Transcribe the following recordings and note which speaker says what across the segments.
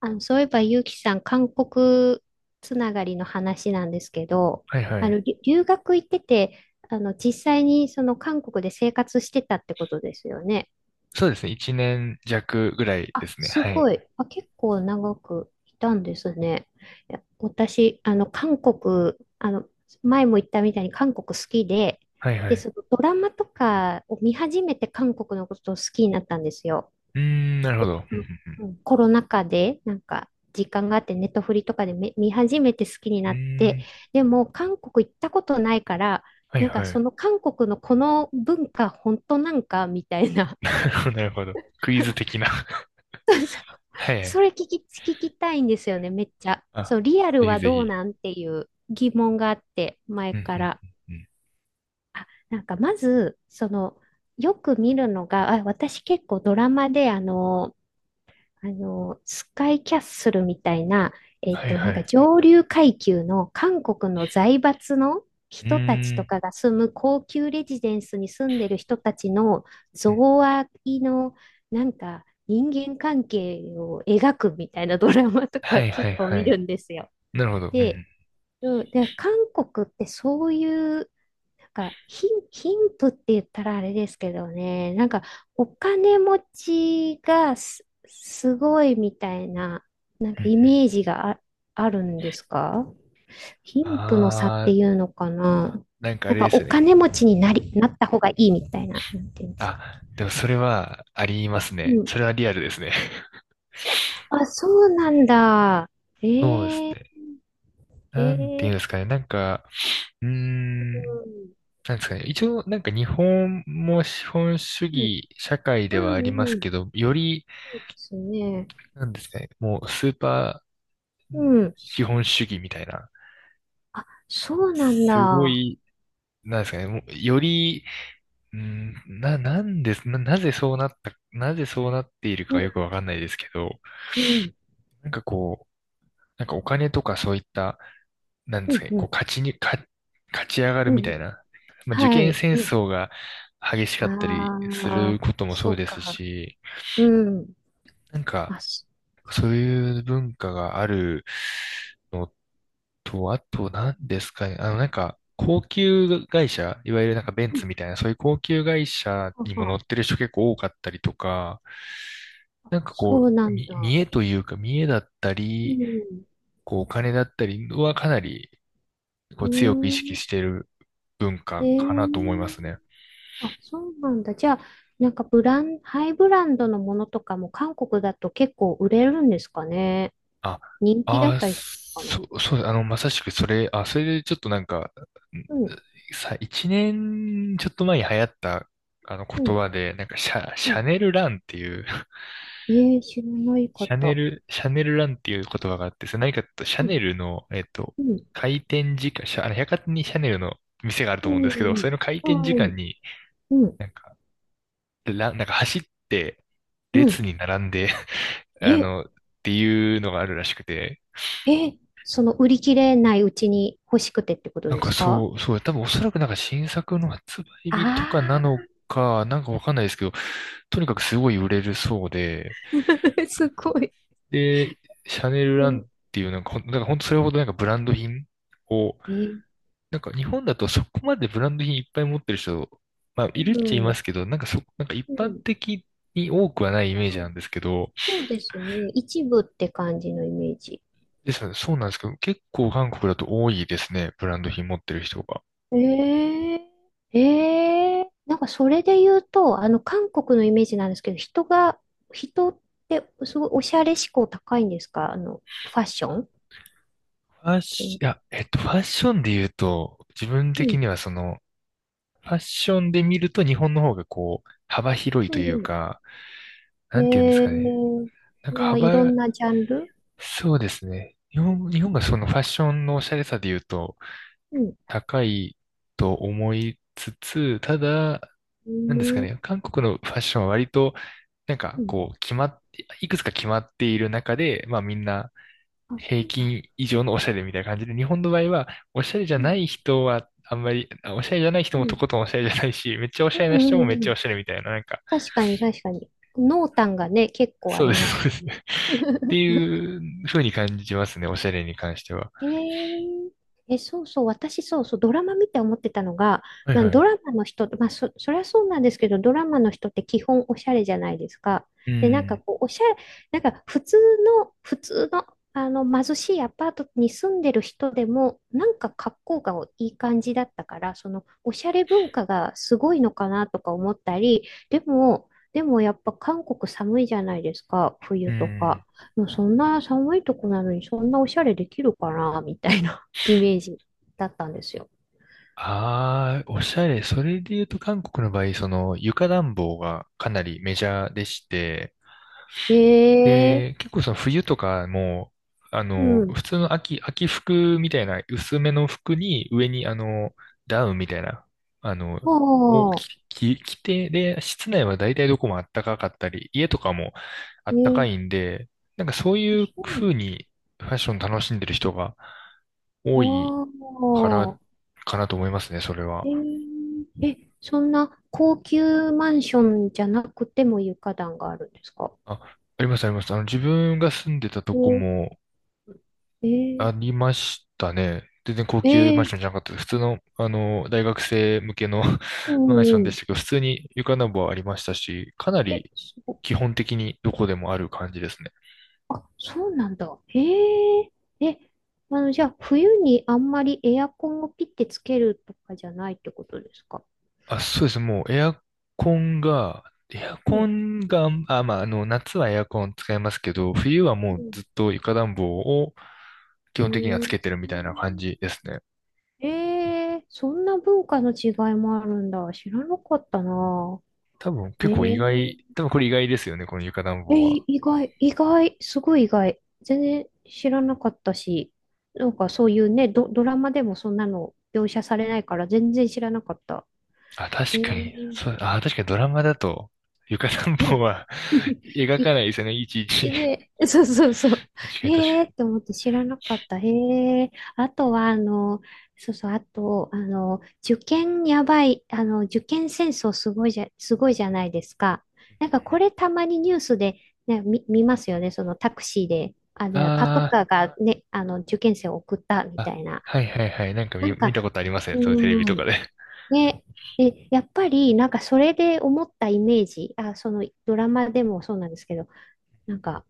Speaker 1: そういえば、ゆうきさん、韓国つながりの話なんですけど、
Speaker 2: はいはい。
Speaker 1: 留学行ってて、実際にその韓国で生活してたってことですよね。
Speaker 2: そうですね。一年弱ぐらいで
Speaker 1: あ、
Speaker 2: すね。
Speaker 1: す
Speaker 2: はい。
Speaker 1: ごい。あ、結構長くいたんですね。いや、私、韓国、あの、前も言ったみたいに韓国好きで、
Speaker 2: はいは
Speaker 1: で、そ
Speaker 2: い。
Speaker 1: のドラマとかを見始めて韓国のことを好きになったんですよ。
Speaker 2: うーん、なるほど。
Speaker 1: あのうんコロナ禍で、なんか、時間があって、ネットフリとかで見始めて好きに
Speaker 2: うん
Speaker 1: な
Speaker 2: うん
Speaker 1: っ
Speaker 2: うん
Speaker 1: て、
Speaker 2: うーん、
Speaker 1: でも、韓国行ったことないから、
Speaker 2: はい
Speaker 1: なんか、
Speaker 2: は
Speaker 1: そ
Speaker 2: い。
Speaker 1: の韓国のこの文化、本当なんか、みたいな。
Speaker 2: なるほど、なるほど。クイズ的な。
Speaker 1: そうそう、
Speaker 2: はいは
Speaker 1: それ
Speaker 2: い。
Speaker 1: 聞き、聞きたいんですよね、めっちゃ。そ
Speaker 2: あ、
Speaker 1: う、リアル
Speaker 2: ぜひ
Speaker 1: は
Speaker 2: ぜ
Speaker 1: どう
Speaker 2: ひ。
Speaker 1: なんっていう疑問があって、前
Speaker 2: うんう
Speaker 1: か
Speaker 2: ん
Speaker 1: ら。
Speaker 2: うんうん。
Speaker 1: あ、なんか、まず、よく見るのが、あ、私結構ドラマで、スカイキャッスルみたいな、
Speaker 2: はい
Speaker 1: な
Speaker 2: は
Speaker 1: んか
Speaker 2: い。
Speaker 1: 上流階級の韓国の財閥の
Speaker 2: う
Speaker 1: 人たち
Speaker 2: ー
Speaker 1: と
Speaker 2: ん。
Speaker 1: かが住む高級レジデンスに住んでる人たちの
Speaker 2: う
Speaker 1: 贈
Speaker 2: ん。
Speaker 1: 賄の、なんか人間関係を描くみたいなドラマと
Speaker 2: は
Speaker 1: か
Speaker 2: いは
Speaker 1: 結
Speaker 2: い
Speaker 1: 構
Speaker 2: は
Speaker 1: 見る
Speaker 2: い。
Speaker 1: んですよ。
Speaker 2: なるほど。うんう
Speaker 1: で、
Speaker 2: ん
Speaker 1: うん、で、韓国ってそういう、なんか貧富って言ったらあれですけどね、なんかお金持ちがすごいみたいな、なん
Speaker 2: う
Speaker 1: か
Speaker 2: んうん。
Speaker 1: イメージがあ、あるんですか？貧富の差って
Speaker 2: あー、
Speaker 1: いうのかな。
Speaker 2: なんかあ
Speaker 1: なん
Speaker 2: れ
Speaker 1: か
Speaker 2: で
Speaker 1: お
Speaker 2: すよね。
Speaker 1: 金持ちになり、なった方がいいみたいな、なんていうんです
Speaker 2: あ、
Speaker 1: か？
Speaker 2: でもそれはあります
Speaker 1: う
Speaker 2: ね。
Speaker 1: ん。
Speaker 2: それはリアルですね。
Speaker 1: あ、そうなんだ。え
Speaker 2: そうです
Speaker 1: ー、
Speaker 2: ね。
Speaker 1: え
Speaker 2: なんていうん
Speaker 1: ー、
Speaker 2: ですかね。なんか、うーん。なんですかね。一応、なんか日本も資本主
Speaker 1: うん、
Speaker 2: 義社会で
Speaker 1: う
Speaker 2: は
Speaker 1: ん、
Speaker 2: あり
Speaker 1: う
Speaker 2: ま
Speaker 1: ん、
Speaker 2: す
Speaker 1: うん、
Speaker 2: けど、より、
Speaker 1: そうですね。
Speaker 2: なんですかね、もうスーパー
Speaker 1: うん。
Speaker 2: 資本主義みたいな、
Speaker 1: あ、そうなん
Speaker 2: すご
Speaker 1: だ。
Speaker 2: い、なんですかね、もうより、うん、な、なんです、な、なぜそうなった、なぜそうなっている
Speaker 1: う
Speaker 2: かよく
Speaker 1: ん、
Speaker 2: わかんないですけど、
Speaker 1: うん、
Speaker 2: なんかこう、なんかお金とかそういった、なんで
Speaker 1: う
Speaker 2: すか
Speaker 1: ん、
Speaker 2: ね、
Speaker 1: う
Speaker 2: こう
Speaker 1: ん、
Speaker 2: 勝ち上がる
Speaker 1: う
Speaker 2: みたい
Speaker 1: ん。
Speaker 2: な。まあ、受
Speaker 1: は
Speaker 2: 験
Speaker 1: い。
Speaker 2: 戦
Speaker 1: うん、
Speaker 2: 争が激しかったりす
Speaker 1: あ
Speaker 2: る
Speaker 1: あ、
Speaker 2: こともそ
Speaker 1: そ
Speaker 2: う
Speaker 1: う
Speaker 2: です
Speaker 1: か。
Speaker 2: し、
Speaker 1: うん。
Speaker 2: なんか、
Speaker 1: あ、し、
Speaker 2: そういう文化があるのと、あと何ですかね。なんか、高級会社、いわゆるなんかベン
Speaker 1: う
Speaker 2: ツ
Speaker 1: ん。
Speaker 2: みたいな、そういう高級会社
Speaker 1: は
Speaker 2: にも
Speaker 1: は。
Speaker 2: 乗ってる人結構多かったりとか、なんか
Speaker 1: そ
Speaker 2: こ
Speaker 1: う
Speaker 2: う、
Speaker 1: なん
Speaker 2: み見
Speaker 1: だ。
Speaker 2: 栄というか、見栄だった
Speaker 1: う
Speaker 2: り、
Speaker 1: ん。
Speaker 2: こう、お金だったりはかなり、こ
Speaker 1: う
Speaker 2: う、強く意
Speaker 1: ー
Speaker 2: 識
Speaker 1: ん。
Speaker 2: している文
Speaker 1: え
Speaker 2: 化かなと思います
Speaker 1: ー、
Speaker 2: ね。
Speaker 1: あ、そうなんだ。じゃあ、なんかブラン、ハイブランドのものとかも韓国だと結構売れるんですかね？
Speaker 2: あ、
Speaker 1: 人気だ
Speaker 2: あ
Speaker 1: っ
Speaker 2: ー、
Speaker 1: たりするのか
Speaker 2: そ
Speaker 1: な。
Speaker 2: う、そう、あの、まさしくそれ、あ、それでちょっとなんか、
Speaker 1: うん、
Speaker 2: 一年ちょっと前に流行った、あの
Speaker 1: う
Speaker 2: 言
Speaker 1: ん、
Speaker 2: 葉で、なんかシ
Speaker 1: うん。
Speaker 2: ャネルランっていう。
Speaker 1: えー、知らない
Speaker 2: シャネ
Speaker 1: 方。
Speaker 2: ル、シャネルランっていう言葉があって、それ何かっていうと、シャ
Speaker 1: うん、
Speaker 2: ネルの、
Speaker 1: うん、
Speaker 2: 開店時間、シャ、あの、百貨店にシャネルの店があると
Speaker 1: う
Speaker 2: 思うんで
Speaker 1: ん、
Speaker 2: すけど、それの開店時
Speaker 1: う
Speaker 2: 間
Speaker 1: ん。
Speaker 2: に、
Speaker 1: うん
Speaker 2: なんか、ラン、なんか走って、
Speaker 1: う
Speaker 2: 列
Speaker 1: ん。
Speaker 2: に並んで、
Speaker 1: え、
Speaker 2: っていうのがあるらしくて、
Speaker 1: え、その売り切れないうちに欲しくてってこと
Speaker 2: なん
Speaker 1: で
Speaker 2: か
Speaker 1: すか？
Speaker 2: そう、そう、多分おそらくなんか新作の発売日とかな
Speaker 1: ああ、
Speaker 2: のか、なんかわかんないですけど、とにかくすごい売れるそうで、
Speaker 1: ー、すごい。
Speaker 2: で、シャネル
Speaker 1: う
Speaker 2: ラン
Speaker 1: ん、
Speaker 2: っていうなんかなんか本当それほどなんかブランド品を、
Speaker 1: え、
Speaker 2: なんか日本だとそこまでブランド品いっぱい持ってる人、まあいるっ
Speaker 1: う
Speaker 2: ちゃいま
Speaker 1: ん、
Speaker 2: すけど、なんかそ、なんか一
Speaker 1: う
Speaker 2: 般
Speaker 1: ん。
Speaker 2: 的に多くはないイメー
Speaker 1: そ
Speaker 2: ジな
Speaker 1: う、
Speaker 2: んですけど、
Speaker 1: そうですね。一部って感じのイメージ。
Speaker 2: ですので、そうなんですけど、結構韓国だと多いですね、ブランド品持ってる人が。
Speaker 1: ええ、ええ、なんかそれで言うと、あの、韓国のイメージなんですけど、人が、人ってすごいおしゃれ志向高いんですか？あの、ファッション。
Speaker 2: ファッ
Speaker 1: う
Speaker 2: シ、
Speaker 1: ん、
Speaker 2: いや、えっと、ファッションで言うと、自分
Speaker 1: う
Speaker 2: 的
Speaker 1: ん。
Speaker 2: にはその、ファッションで見ると日本の方がこう、幅広い
Speaker 1: う
Speaker 2: という
Speaker 1: ん、
Speaker 2: か、
Speaker 1: え
Speaker 2: なんて言うんですかね。
Speaker 1: え、
Speaker 2: なん
Speaker 1: い
Speaker 2: か
Speaker 1: や、いろ
Speaker 2: 幅、
Speaker 1: んなジャンル。
Speaker 2: そうですね。日
Speaker 1: う
Speaker 2: 本、
Speaker 1: ん。
Speaker 2: 日本がそのファッションのおしゃれさで言うと
Speaker 1: うん。
Speaker 2: 高いと思いつつ、ただ、なんですか
Speaker 1: う
Speaker 2: ね、韓国のファッションは割と、なん
Speaker 1: ー
Speaker 2: か
Speaker 1: ん。
Speaker 2: こう、決まって、いくつか決まっている中で、まあみんな
Speaker 1: あ、そ
Speaker 2: 平
Speaker 1: うだ。
Speaker 2: 均以上のおしゃれみたいな感じで、日本の場合は、おしゃれじゃ
Speaker 1: う
Speaker 2: な
Speaker 1: ん。
Speaker 2: い人はあんまり、おしゃれじゃない人
Speaker 1: う
Speaker 2: もと
Speaker 1: ん。
Speaker 2: ことんおしゃれじゃないし、めっちゃお
Speaker 1: う
Speaker 2: しゃれな
Speaker 1: んう
Speaker 2: 人
Speaker 1: ん
Speaker 2: もめ
Speaker 1: う
Speaker 2: っ
Speaker 1: んう
Speaker 2: ちゃ
Speaker 1: ん。
Speaker 2: おしゃれみたいな、なんか、
Speaker 1: 確かに、確かに。濃淡がね、結構あ
Speaker 2: そう
Speaker 1: り
Speaker 2: です、
Speaker 1: ま
Speaker 2: そ
Speaker 1: す
Speaker 2: う
Speaker 1: よ
Speaker 2: で
Speaker 1: ね。
Speaker 2: す。っていう風に感じますね、おしゃれに関しては。
Speaker 1: えー、え、そうそう、私そうそう、ドラマ見て思ってたのが、
Speaker 2: はい
Speaker 1: まあ、
Speaker 2: は
Speaker 1: ド
Speaker 2: い。
Speaker 1: ラマの人、そりゃそうなんですけど、ドラマの人って基本おしゃれじゃないですか。
Speaker 2: う
Speaker 1: で、なんか
Speaker 2: ん、
Speaker 1: こう、おしゃれ、なんか普通普通の、あの貧しいアパートに住んでる人でも、なんか格好がいい感じだったから、そのおしゃれ文化がすごいのかなとか思ったり、でも、でもやっぱ韓国寒いじゃないですか、
Speaker 2: う
Speaker 1: 冬と
Speaker 2: ん。
Speaker 1: か。もうそんな寒いとこなのにそんなおしゃれできるかなみたいな、 イメージだったんですよ。
Speaker 2: ああ、おしゃれ。それで言うと韓国の場合、その床暖房がかなりメジャーでして、
Speaker 1: え
Speaker 2: で、
Speaker 1: え、
Speaker 2: 結構その冬とかも、
Speaker 1: うん。
Speaker 2: 普通の秋服みたいな薄めの服に上にダウンみたいな、あの、
Speaker 1: あ
Speaker 2: を着、
Speaker 1: あ、
Speaker 2: 着着て、で、室内は大体どこも暖かかったり、家とかも
Speaker 1: え
Speaker 2: 暖か
Speaker 1: ー、
Speaker 2: いんで、なんかそう
Speaker 1: あ、
Speaker 2: いう
Speaker 1: そうな
Speaker 2: 風にファッション楽しんでる人が多いから、
Speaker 1: の。あ
Speaker 2: かなと思いますね、それ
Speaker 1: あ、え
Speaker 2: は。
Speaker 1: ー、え、そんな高級マンションじゃなくても床暖があるんですか？
Speaker 2: あ、ありますあります。自分が住んでたと
Speaker 1: え
Speaker 2: こ
Speaker 1: ー、
Speaker 2: も、
Speaker 1: えー、
Speaker 2: ありましたね。全然高級マン
Speaker 1: え
Speaker 2: ション
Speaker 1: ー、
Speaker 2: じゃなかったです。普通の、大学生向けの
Speaker 1: う
Speaker 2: マン
Speaker 1: ん、
Speaker 2: ショ
Speaker 1: う
Speaker 2: ンでし
Speaker 1: ん。
Speaker 2: たけど、普通に床暖房はありましたし、かな
Speaker 1: え、
Speaker 2: り
Speaker 1: すご、
Speaker 2: 基本的にどこでもある感じですね。
Speaker 1: あ、そうなんだ。へえ。え、あの、じゃあ、冬にあんまりエアコンをピッてつけるとかじゃないってことですか？
Speaker 2: あ、そうです。もうエアコンが、エア
Speaker 1: う
Speaker 2: コ
Speaker 1: ん。
Speaker 2: ンが、あ、まあ、夏はエアコン使いますけど、冬はも
Speaker 1: う
Speaker 2: う
Speaker 1: ん。
Speaker 2: ずっと床暖房を
Speaker 1: う
Speaker 2: 基本的には
Speaker 1: ー
Speaker 2: つ
Speaker 1: ん。
Speaker 2: けてるみたいな感じですね。
Speaker 1: ええ、そんな文化の違いもあるんだ。知らなかったな。
Speaker 2: 多分
Speaker 1: え
Speaker 2: 結構意
Speaker 1: え。
Speaker 2: 外、多分これ意外ですよね、この床暖
Speaker 1: え、
Speaker 2: 房は。
Speaker 1: い意外、意外、すごい意外。全然知らなかったし、なんかそういうね、ドラマでもそんなの描写されないから全然知らなかった。
Speaker 2: あ、確
Speaker 1: ええ。
Speaker 2: かに、そう、あ、確かにドラマだと、床暖房
Speaker 1: ね。
Speaker 2: は 描かな いですよね、いちいち。
Speaker 1: で、そうそうそう。
Speaker 2: 確かに、確か
Speaker 1: へえー、っ
Speaker 2: に。
Speaker 1: て思って知らなかった。へえ。あとは、そうそう、あと、あの、受験やばい、あの、受験戦争すごいじゃ、すごいじゃないですか。なんかこれたまにニュースで、ね、見ますよね。そのタクシーで、あの、パト
Speaker 2: あ
Speaker 1: カーがね、あの、受験生を送ったみ
Speaker 2: ーあ、
Speaker 1: たいな。
Speaker 2: はいはいはい。なんか
Speaker 1: な
Speaker 2: 見、
Speaker 1: ん
Speaker 2: 見た
Speaker 1: か、
Speaker 2: ことあります
Speaker 1: う
Speaker 2: ね。そういうテレビ
Speaker 1: ー
Speaker 2: とか
Speaker 1: ん、
Speaker 2: で。
Speaker 1: ね、でやっぱり、なんかそれで思ったイメージ、あ、そのドラマでもそうなんですけど、なんか、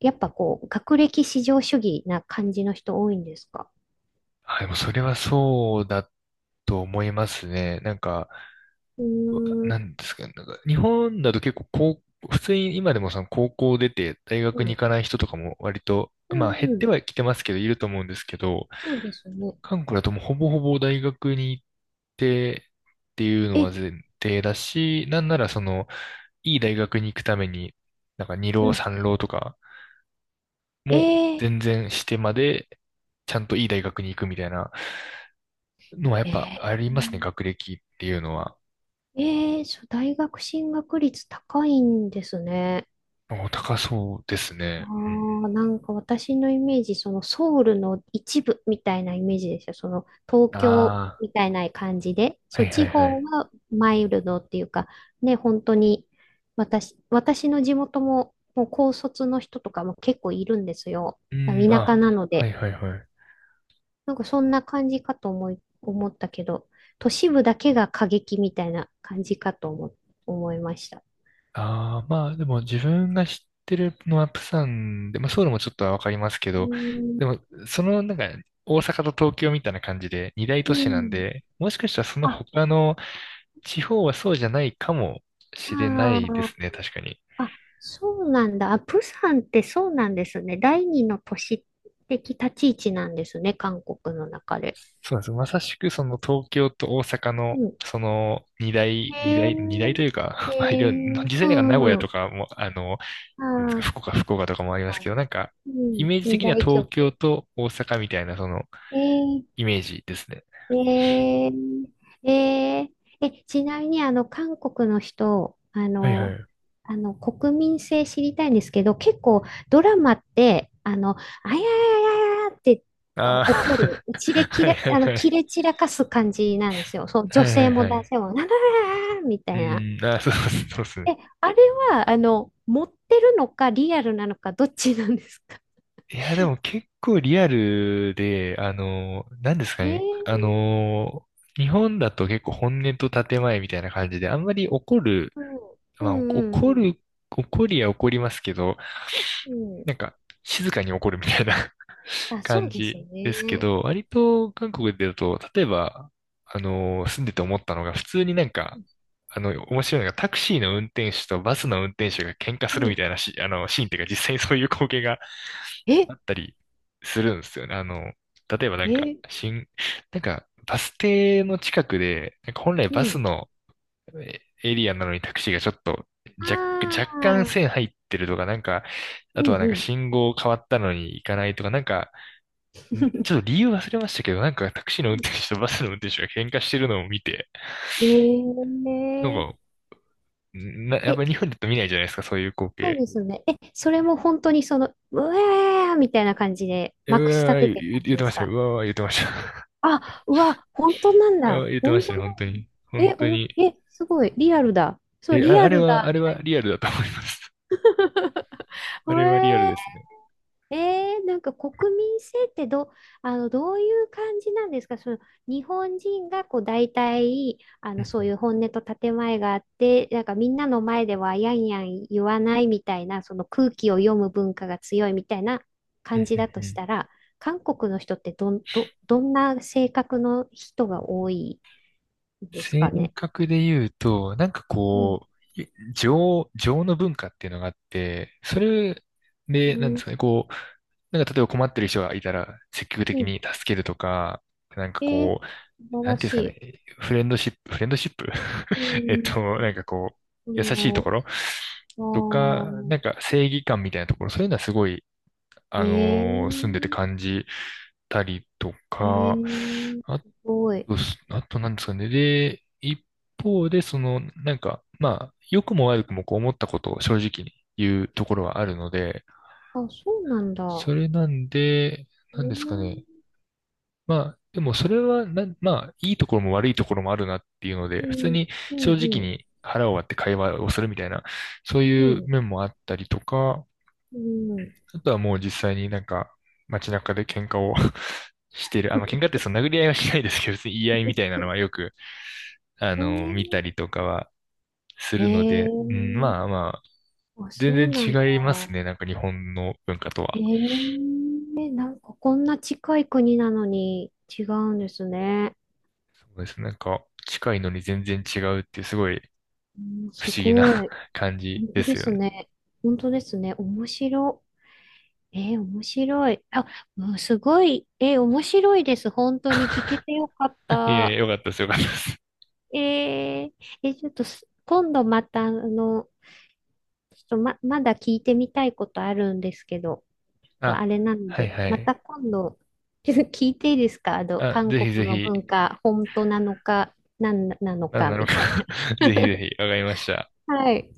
Speaker 1: やっぱこう、学歴至上主義な感じの人多いんですか？
Speaker 2: あ、でもそれはそうだと思いますね。なんか、
Speaker 1: うーん、
Speaker 2: な
Speaker 1: う
Speaker 2: んですかね。なんか日本だと結構高、普通に今でもその高校出て大学
Speaker 1: ん、
Speaker 2: に行かない人とかも割と、
Speaker 1: う
Speaker 2: まあ
Speaker 1: ん
Speaker 2: 減っ
Speaker 1: う
Speaker 2: て
Speaker 1: ん、
Speaker 2: はきてますけど、いると思うんですけど、
Speaker 1: そうですね。
Speaker 2: 韓国だともうほぼほぼ大学に行ってっていうの
Speaker 1: え、
Speaker 2: は前提だし、なんならその、いい大学に行くために、なんか
Speaker 1: う
Speaker 2: 二
Speaker 1: ん。
Speaker 2: 浪三浪とか
Speaker 1: え
Speaker 2: も
Speaker 1: ー、
Speaker 2: 全然してまで、ちゃんといい大学に行くみたいなのはやっぱあ
Speaker 1: え
Speaker 2: りますね、学歴っていうのは。
Speaker 1: ー、えー、そう、大学進学率高いんですね。
Speaker 2: お、高そうです
Speaker 1: あ
Speaker 2: ね。うん。
Speaker 1: あ、なんか私のイメージ、そのソウルの一部みたいなイメージですよ。その東京
Speaker 2: あ
Speaker 1: みたいな感じで、
Speaker 2: あ、は
Speaker 1: そう、
Speaker 2: いは
Speaker 1: 地
Speaker 2: いは
Speaker 1: 方
Speaker 2: い。
Speaker 1: はマイルドっていうか、ね、本当に、私の地元も、もう高卒の人とかも結構いるんですよ。
Speaker 2: う
Speaker 1: あ
Speaker 2: ん、
Speaker 1: の田舎
Speaker 2: あ、
Speaker 1: なの
Speaker 2: はい
Speaker 1: で。
Speaker 2: はいはい。
Speaker 1: なんかそんな感じかと思い、思ったけど、都市部だけが過激みたいな感じかと思、思いました。
Speaker 2: ああ、まあでも自分が知ってるのはプサンで、まあソウルもちょっとはわかりますけど、でもそのなんか大阪と東京みたいな感じで二大都
Speaker 1: う
Speaker 2: 市なん
Speaker 1: ん。
Speaker 2: で、もしかしたらその
Speaker 1: あ、
Speaker 2: 他の地方はそうじゃないかもしれな
Speaker 1: あ
Speaker 2: いです
Speaker 1: あ。
Speaker 2: ね、確かに。
Speaker 1: あ、そうなんだ。あ、プサンってそうなんですね。第二の都市的立ち位置なんですね、韓国の中で。
Speaker 2: そうなんです。まさしくその東京と大阪
Speaker 1: う
Speaker 2: の
Speaker 1: ん。
Speaker 2: その二大、二
Speaker 1: へえ、
Speaker 2: 大、二大という
Speaker 1: へ
Speaker 2: か、まあいろいろ、
Speaker 1: え、
Speaker 2: 実際
Speaker 1: う
Speaker 2: なんか名古屋
Speaker 1: ん、う
Speaker 2: と
Speaker 1: ん。
Speaker 2: かも、
Speaker 1: あ
Speaker 2: なんですか、
Speaker 1: あ、
Speaker 2: 福岡とかもあり
Speaker 1: 確
Speaker 2: ますけ
Speaker 1: か
Speaker 2: ど、なんか
Speaker 1: に。う
Speaker 2: イ
Speaker 1: ん、
Speaker 2: メージ
Speaker 1: 二
Speaker 2: 的には
Speaker 1: 大拠
Speaker 2: 東
Speaker 1: 点。
Speaker 2: 京と大阪みたいなその
Speaker 1: ええ
Speaker 2: イメージですね。
Speaker 1: えー、えー、え、ちなみに、あの、韓国の人、あ
Speaker 2: はいは
Speaker 1: の、
Speaker 2: い。
Speaker 1: あの、国民性知りたいんですけど、結構ドラマって、あの、あややややって、あ
Speaker 2: ああ、
Speaker 1: 怒る、切れ 切
Speaker 2: はい
Speaker 1: れ、
Speaker 2: はい
Speaker 1: あの、
Speaker 2: はい。
Speaker 1: 切れ散らかす感じなんですよ。そう、
Speaker 2: は
Speaker 1: 女
Speaker 2: いは
Speaker 1: 性
Speaker 2: い
Speaker 1: も
Speaker 2: は
Speaker 1: 男
Speaker 2: い。
Speaker 1: 性も、なららみた
Speaker 2: う
Speaker 1: いな。
Speaker 2: ん、あー、そうそうそうで
Speaker 1: え、
Speaker 2: すね。
Speaker 1: あれは、あの、持ってるのか、リアルなのか、どっちなんですか？
Speaker 2: いや、でも結構リアルで、なんですか
Speaker 1: へえ、
Speaker 2: ね。日本だと結構本音と建前みたいな感じで、あんまり怒る、
Speaker 1: うん、う
Speaker 2: まあ、
Speaker 1: ん、うん、
Speaker 2: 怒りは怒りますけど、
Speaker 1: うん。うん、
Speaker 2: なんか、静かに怒るみたいな。
Speaker 1: あ、そ
Speaker 2: 感
Speaker 1: うです
Speaker 2: じですけ
Speaker 1: ね。
Speaker 2: ど、割と韓国でだと、例えば、住んでて思ったのが、普通になんか、面白いのが、タクシーの運転手とバスの運転手が喧嘩
Speaker 1: う
Speaker 2: するみ
Speaker 1: ん、
Speaker 2: たいなし、あの、シーンっていうか、実際にそういう光景が
Speaker 1: え、
Speaker 2: あったりするんですよね。例えばなんか、
Speaker 1: え、
Speaker 2: なんか、バス停の近くで、なんか本来
Speaker 1: う
Speaker 2: バス
Speaker 1: ん、
Speaker 2: のエリアなのにタクシーがちょっと若、
Speaker 1: あ
Speaker 2: 若干線
Speaker 1: あ、
Speaker 2: 入ってるとか、なんか、あ
Speaker 1: う
Speaker 2: と
Speaker 1: ん
Speaker 2: はなん
Speaker 1: う
Speaker 2: か
Speaker 1: ん。
Speaker 2: 信号変わったのに行かないとか、なんか、ちょっと 理由忘れましたけど、なんかタクシーの運転手とバスの運転手が喧嘩してるのを見て、
Speaker 1: え
Speaker 2: なん
Speaker 1: え
Speaker 2: か、やっ
Speaker 1: え、
Speaker 2: ぱり日本だと見ないじゃないですか、そういう光
Speaker 1: そう
Speaker 2: 景。
Speaker 1: ですね。え、それも本当にその、うわーみたいな感じで、
Speaker 2: う
Speaker 1: まくし
Speaker 2: わ
Speaker 1: 立て
Speaker 2: ー、
Speaker 1: て
Speaker 2: 言
Speaker 1: る
Speaker 2: う
Speaker 1: 感
Speaker 2: 言
Speaker 1: じ
Speaker 2: って
Speaker 1: で
Speaker 2: ま
Speaker 1: す
Speaker 2: したよ。
Speaker 1: か？
Speaker 2: うわー、言ってました。
Speaker 1: あ、うわ、本当なん
Speaker 2: うわ
Speaker 1: だ。
Speaker 2: ー、言ってま
Speaker 1: 本
Speaker 2: した
Speaker 1: 当
Speaker 2: ね、
Speaker 1: なんだ。
Speaker 2: 本当に。本
Speaker 1: え、
Speaker 2: 当
Speaker 1: お、
Speaker 2: に。
Speaker 1: え、すごい、リアルだ。そう、
Speaker 2: え、
Speaker 1: リ
Speaker 2: あ、
Speaker 1: ア
Speaker 2: あれ
Speaker 1: ル
Speaker 2: は、
Speaker 1: だ。
Speaker 2: あれはリアルだと思います。あ
Speaker 1: う
Speaker 2: れはリアル
Speaker 1: えー、
Speaker 2: ですね。
Speaker 1: えー、なんか国民性ってど、あの、どういう感じなんですか？その日本人がこう大体あ
Speaker 2: う
Speaker 1: のそうい
Speaker 2: ん
Speaker 1: う本音と建前があってなんかみんなの前ではやんやん言わないみたいなその空気を読む文化が強いみたいな
Speaker 2: うんう
Speaker 1: 感じだと
Speaker 2: んうんう
Speaker 1: し
Speaker 2: ん。
Speaker 1: たら、韓国の人ってどん、ど、どんな性格の人が多いんです
Speaker 2: 性
Speaker 1: かね？
Speaker 2: 格で言うと、なんか
Speaker 1: うん。
Speaker 2: こう、情の文化っていうのがあって、それ
Speaker 1: う
Speaker 2: で、なんで
Speaker 1: ん。
Speaker 2: すかね、こう、なんか例えば困ってる人がいたら積極
Speaker 1: う
Speaker 2: 的
Speaker 1: ん、
Speaker 2: に助けるとか、なんか
Speaker 1: えー、
Speaker 2: こう、
Speaker 1: 素晴
Speaker 2: な
Speaker 1: ら
Speaker 2: んていう
Speaker 1: し
Speaker 2: んです
Speaker 1: い。
Speaker 2: かね、フレンドシップ。
Speaker 1: う ん。
Speaker 2: なんかこう、
Speaker 1: う
Speaker 2: 優しい
Speaker 1: ん、
Speaker 2: と
Speaker 1: あ
Speaker 2: ころとか、
Speaker 1: ー、
Speaker 2: なんか正義感みたいなところ、そういうのはすごい、
Speaker 1: え
Speaker 2: 住んでて
Speaker 1: え、
Speaker 2: 感じたりと
Speaker 1: え
Speaker 2: か、
Speaker 1: え、
Speaker 2: あ、
Speaker 1: すごい。
Speaker 2: そうっす。あとなんですかね。で、一方で、その、なんか、まあ、良くも悪くもこう思ったことを正直に言うところはあるので、
Speaker 1: あ、そうなんだ。
Speaker 2: それなんで、なんですかね。
Speaker 1: ええ、
Speaker 2: まあ、でもそれはまあ、いいところも悪いところもあるなっていうの
Speaker 1: う
Speaker 2: で、普通
Speaker 1: ん、
Speaker 2: に
Speaker 1: うん、
Speaker 2: 正直
Speaker 1: うん、
Speaker 2: に腹を割って会話をするみたいな、そういう
Speaker 1: う
Speaker 2: 面もあったりとか、
Speaker 1: ん、
Speaker 2: あとはもう実際になんか、街中で喧嘩を してる。喧嘩ってその殴り合いはしないですけど、別に言い合いみたいなのはよく、
Speaker 1: う
Speaker 2: 見た
Speaker 1: ん、
Speaker 2: りとかはす
Speaker 1: え
Speaker 2: るの
Speaker 1: ええ、
Speaker 2: で、うん、
Speaker 1: え、
Speaker 2: まあまあ、
Speaker 1: あ、
Speaker 2: 全
Speaker 1: そうなんだ。
Speaker 2: 然違いますね。なんか日本の文化とは。
Speaker 1: ええ、なんかこんな近い国なのに違うんですね。
Speaker 2: そうですね。なんか近いのに全然違うっていうすごい
Speaker 1: うん、
Speaker 2: 不
Speaker 1: す
Speaker 2: 思議な
Speaker 1: ごい。
Speaker 2: 感
Speaker 1: 本
Speaker 2: じで
Speaker 1: 当で
Speaker 2: すよ
Speaker 1: す
Speaker 2: ね。
Speaker 1: ね。本当ですね。面白。ええ面白い。あ、うん、すごい。ええ面白いです。本当に聞けてよかっ
Speaker 2: いやいや、
Speaker 1: た。
Speaker 2: よかったです。よかったです。
Speaker 1: えー、え、ちょっとす今度また、あの、ちょっとま、まだ聞いてみたいことあるんですけど、ちょっとあ
Speaker 2: あ、
Speaker 1: れなの
Speaker 2: はい
Speaker 1: で、
Speaker 2: は
Speaker 1: ま
Speaker 2: い。
Speaker 1: た今度、聞いていいですか？あの、
Speaker 2: あ、
Speaker 1: 韓
Speaker 2: ぜひぜ
Speaker 1: 国の
Speaker 2: ひ、
Speaker 1: 文化、本当なのか、なんなの
Speaker 2: なん
Speaker 1: か、
Speaker 2: なの
Speaker 1: み
Speaker 2: か。
Speaker 1: たいな。
Speaker 2: ぜひぜひ、わかりました。
Speaker 1: はい。